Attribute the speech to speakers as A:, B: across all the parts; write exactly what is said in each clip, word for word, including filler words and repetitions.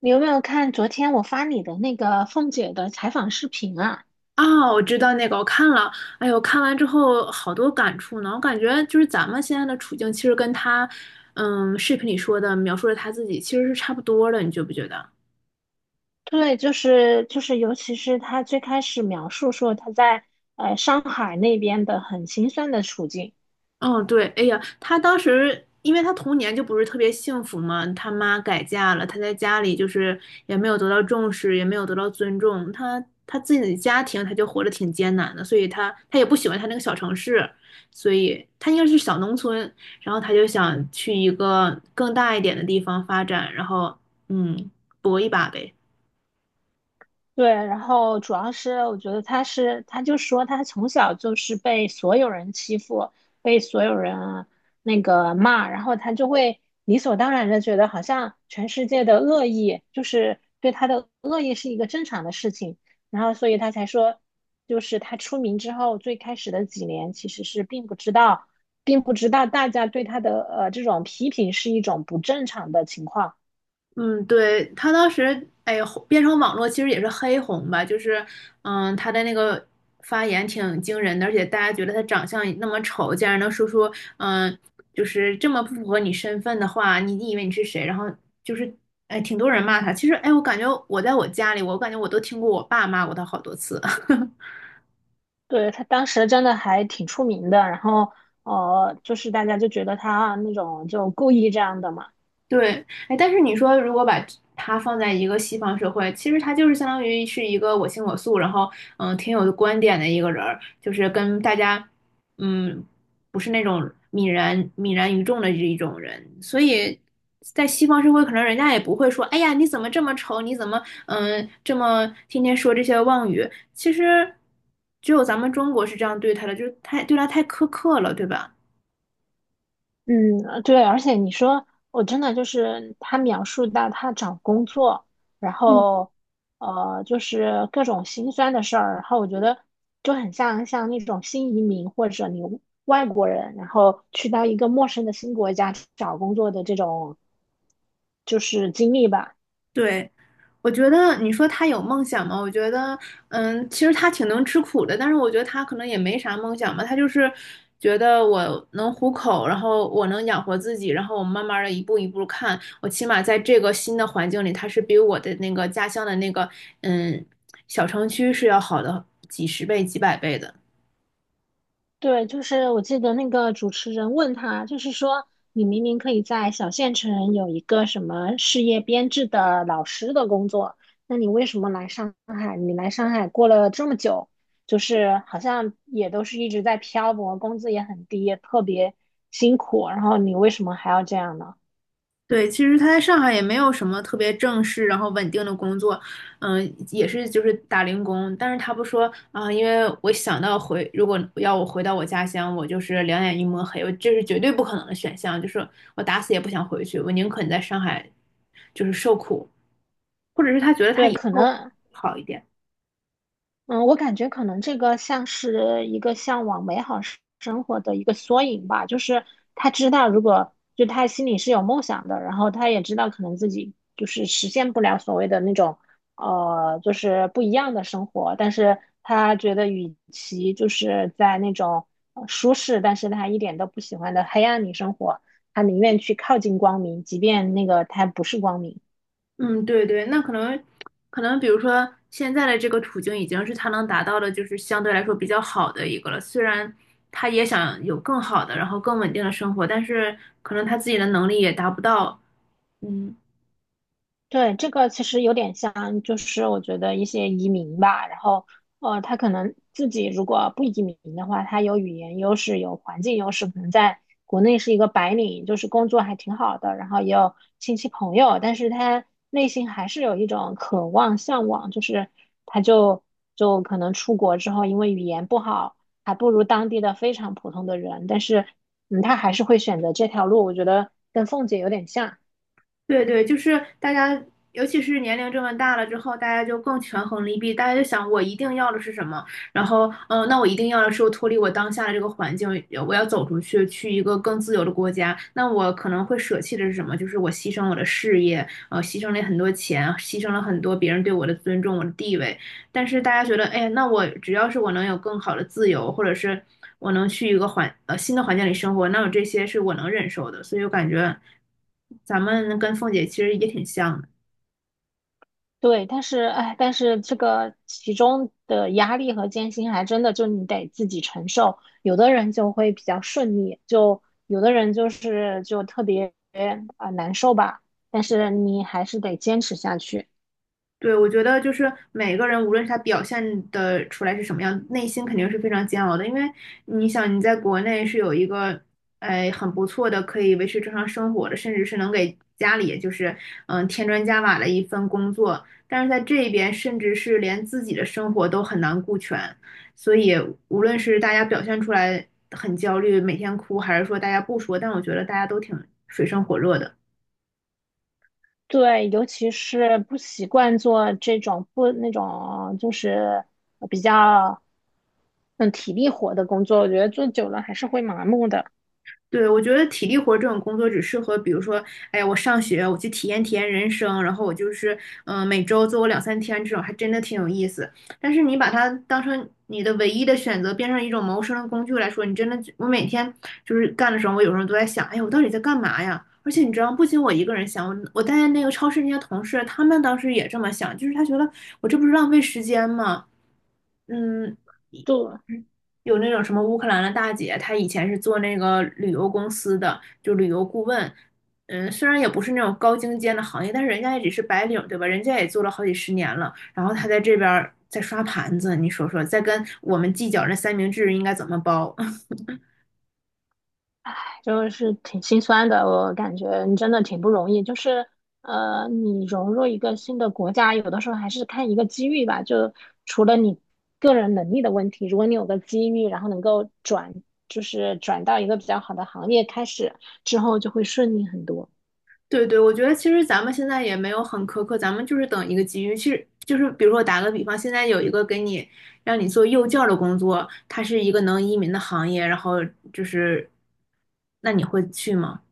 A: 你有没有看昨天我发你的那个凤姐的采访视频啊？
B: 啊，我知道那个，我看了，哎呦，看完之后好多感触呢。我感觉就是咱们现在的处境，其实跟他，嗯，视频里说的描述的他自己其实是差不多的，你觉不觉得？
A: 对，就是就是，尤其是她最开始描述说她在呃上海那边的很心酸的处境。
B: 哦，对，哎呀，他当时因为他童年就不是特别幸福嘛，他妈改嫁了，他在家里就是也没有得到重视，也没有得到尊重，他他自己的家庭他就活得挺艰难的，所以他他也不喜欢他那个小城市，所以他应该是小农村，然后他就想去一个更大一点的地方发展，然后嗯，搏一把呗。
A: 对，然后主要是我觉得他是，他就说他从小就是被所有人欺负，被所有人那个骂，然后他就会理所当然的觉得好像全世界的恶意就是对他的恶意是一个正常的事情，然后所以他才说，就是他出名之后最开始的几年其实是并不知道，并不知道大家对他的呃这种批评是一种不正常的情况。
B: 嗯，对，他当时，哎，红变成网络其实也是黑红吧，就是，嗯，他的那个发言挺惊人的，而且大家觉得他长相那么丑，竟然能说出，嗯，就是这么不符合你身份的话，你你以为你是谁？然后就是，哎，挺多人骂他。其实，哎，我感觉我在我家里，我感觉我都听过我爸骂过他好多次。
A: 对，他当时真的还挺出名的，然后呃，就是大家就觉得他那种就故意这样的嘛。
B: 对，哎，但是你说如果把他放在一个西方社会，其实他就是相当于是一个我行我素，然后嗯挺有观点的一个人儿，就是跟大家嗯不是那种泯然泯然于众的这一种人，所以在西方社会，可能人家也不会说，哎呀你怎么这么丑，你怎么嗯这么天天说这些妄语，其实只有咱们中国是这样对他的，就是太对他太苛刻了，对吧？
A: 嗯，呃对，而且你说我真的就是他描述到他找工作，然
B: 嗯。
A: 后呃，就是各种心酸的事儿，然后我觉得就很像像那种新移民或者你外国人，然后去到一个陌生的新国家找工作的这种就是经历吧。
B: 对，我觉得你说他有梦想吗？我觉得，嗯，其实他挺能吃苦的，但是我觉得他可能也没啥梦想吧，他就是觉得我能糊口，然后我能养活自己，然后我慢慢的一步一步看，我起码在这个新的环境里，他是比我的那个家乡的那个嗯小城区是要好的几十倍、几百倍的。
A: 对，就是我记得那个主持人问他，就是说你明明可以在小县城有一个什么事业编制的老师的工作，那你为什么来上海？你来上海过了这么久，就是好像也都是一直在漂泊，工资也很低，也特别辛苦，然后你为什么还要这样呢？
B: 对，其实他在上海也没有什么特别正式，然后稳定的工作，嗯，也是就是打零工。但是他不说啊，因为我想到回，如果要我回到我家乡，我就是两眼一抹黑，我这是绝对不可能的选项，就是我打死也不想回去，我宁肯在上海就是受苦
A: 对，可能
B: 好一点。
A: 嗯，我感觉可能这个像是一个向往美好生生活的一个缩影吧，就是他知道，如果就他心里是有梦想的，然后他也知道可能自己就是实现不了所谓的那种呃，就是不一样的生活，但是他觉得与其就是在那种呃舒适，但是他一点都不喜欢的黑暗里生活，他宁愿去靠近光明，即便那个他不是光明。
B: 嗯，对对，那可能可能，比如说现在的这个处境已经是他能达到的，就是相对来说比较好的一个了。虽然他也想有更好的，然后更稳定的生活，但是可能他自己的能力也达不到。嗯，
A: 对，这个其实有点像，就是我觉得一些移民吧，然后呃，他可能自己如果不移民的话，他有语言优势，有环境优势，可能在国内是一个白领，就是工作还挺好的，然后也有亲戚朋友，但是他内心还是有一种渴望、向往，就是他就就可能出国之后，因为语言不好，还不如当地的非常普通的人，但是嗯，他还是会选择这条路，我觉得跟凤姐有点像。
B: 对对，就是大家，尤其是年龄这么大了之后，大家就更权衡利弊，大家就想我一定要的是什么，然后，嗯、那我一定要的是我脱离我当下的这个环境，呃我要走出去，去一个更自由的国家，那我可能会舍弃的是什么？就是我牺牲我的事业，呃，牺牲了很多钱，牺牲了很多别人对我的尊重，我的地位，但是大家觉得，哎，那我只要是我能有更好的自由，或者是我能去一个环呃新的环境里生活，那我这些是我能忍受的。所以我感觉咱们跟凤姐其实也挺像的。
A: 对，但是哎，但是这个其中的压力和艰辛，还真的就你得自己承受。有的人就会比较顺利，就有的人就是就特别啊、呃难受吧。但是你还是得坚持下去。
B: 对，我觉得就是每个人，无论是他表现的出来是什么样，内心肯定是非常煎熬的。因为你想，你在国内是有一个，哎，很不错的可以维持正常生活的，甚至是能给家里就是嗯添砖加瓦的一份工作，但是在这边，甚至是连自己的生活都很难顾全。所以，无论是大家表现出来很焦虑，每天哭，还是说大家不说，但我觉得大家都挺水深火热的。
A: 对，尤其是不习惯做这种不那种就是比较嗯体力活的工作，我觉得做久了还是会麻木的。
B: 对，我觉得体力活这种工作只适合，比如说，哎，我上学，我去体验体验人生，然后我就是，嗯、每周做我两三天这种，还真的挺有意思。但是你把它当成你的唯一的选择，变成一种谋生的工具来说，你真的就，我每天就是干的时候，我有时候都在想，哎，我到底在干嘛呀？而且你知道，不仅我一个人想，我我带那个超市那些同事，他们当时也这么想，就是他觉得我这不是浪费时间吗？嗯，
A: 对。
B: 有那种什么乌克兰的大姐，她以前是做那个旅游公司的，就旅游顾问。嗯，虽然也不是那种高精尖的行业，但是人家也只是白领，对吧？人家也做了好几十年了，然后她在这边儿在刷盘子，你说说，在跟我们计较那三明治应该怎么包？
A: 就是挺心酸的。我感觉你真的挺不容易，就是呃，你融入一个新的国家，有的时候还是看一个机遇吧。就除了你个人能力的问题，如果你有个机遇，然后能够转，就是转到一个比较好的行业开始之后，就会顺利很多。
B: 对对，我觉得其实咱们现在也没有很苛刻，咱们就是等一个机遇。其实就是比如说打个比方，现在有一个给你让你做幼教的工作，它是一个能移民的行业，然后就是，那你会去吗？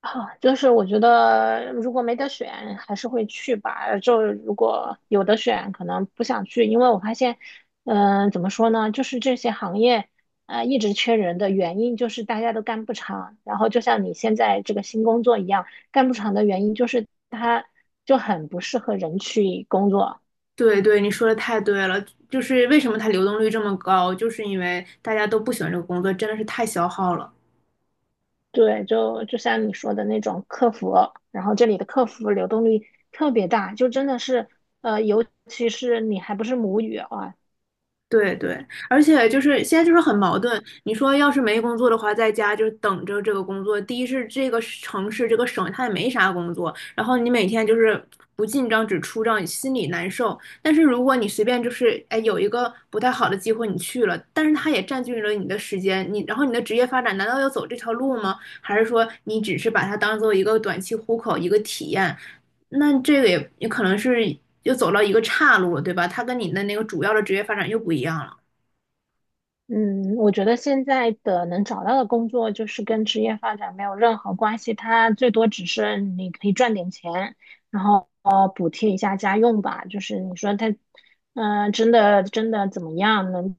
A: 啊，就是我觉得如果没得选，还是会去吧。就如果有的选，可能不想去，因为我发现，嗯、怎么说呢，就是这些行业，呃，一直缺人的原因就是大家都干不长。然后就像你现在这个新工作一样，干不长的原因就是它就很不适合人去工作。
B: 对对，你说的太对了，就是为什么它流动率这么高，就是因为大家都不喜欢这个工作，真的是太消耗了。
A: 对，就就像你说的那种客服，然后这里的客服流动率特别大，就真的是，呃，尤其是你还不是母语啊。
B: 对对，而且就是现在就是很矛盾。你说要是没工作的话，在家就是等着这个工作。第一是这个城市这个省它也没啥工作，然后你每天就是不进账只出账，心里难受。但是如果你随便就是哎有一个不太好的机会你去了，但是它也占据了你的时间，你然后你的职业发展难道要走这条路吗？还是说你只是把它当做一个短期糊口一个体验，那这个也也可能是又走到一个岔路了，对吧？它跟你的那个主要的职业发展又不一样了。
A: 嗯，我觉得现在的能找到的工作就是跟职业发展没有任何关系，它最多只是你可以赚点钱，然后呃补贴一下家用吧。就是你说他，嗯、真的真的怎么样，能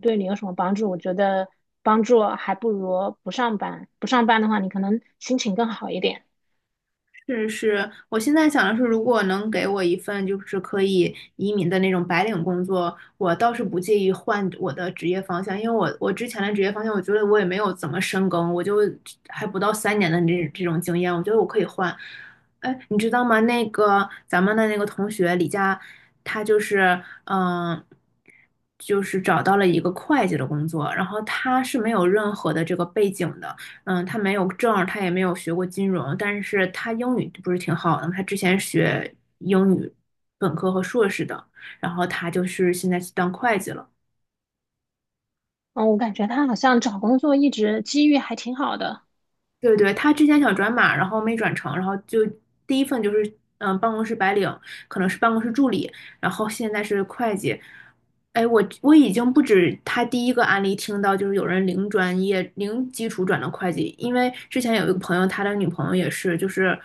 A: 对你有什么帮助？我觉得帮助还不如不上班。不上班的话，你可能心情更好一点。
B: 是是，我现在想的是，如果能给我一份就是可以移民的那种白领工作，我倒是不介意换我的职业方向，因为我我之前的职业方向，我觉得我也没有怎么深耕，我就还不到三年的这这种经验，我觉得我可以换。哎，你知道吗？那个咱们的那个同学李佳，他就是嗯、呃就是找到了一个会计的工作，然后他是没有任何的这个背景的。嗯，他没有证他也没有学过金融，但是他英语不是挺好的吗？他之前学英语本科和硕士的，然后他就是现在去当会计了。
A: 嗯，我感觉他好像找工作一直机遇还挺好的。
B: 对对，他之前想转码，然后没转成，然后就第一份就是嗯、呃办公室白领，可能是办公室助理，然后现在是会计。哎，我我已经不止他第一个案例听到，就是有人零专业、零基础转的会计，因为之前有一个朋友，他的女朋友也是，就是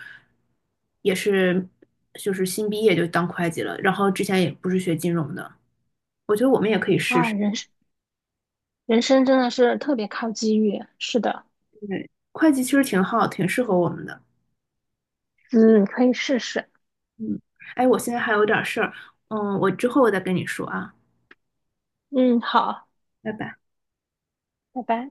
B: 也是就是新毕业就当会计了，然后之前也不是学金融的，我觉得我们也可以试
A: 啊，
B: 试，
A: 人生人生真的是特别靠机遇。是的，
B: 对，会计其实挺好，挺适合我们的。
A: 嗯，可以试试。
B: 嗯，哎，我现在还有点事儿，嗯，我之后我再跟你说啊，
A: 嗯，好，
B: 拜拜。
A: 拜拜。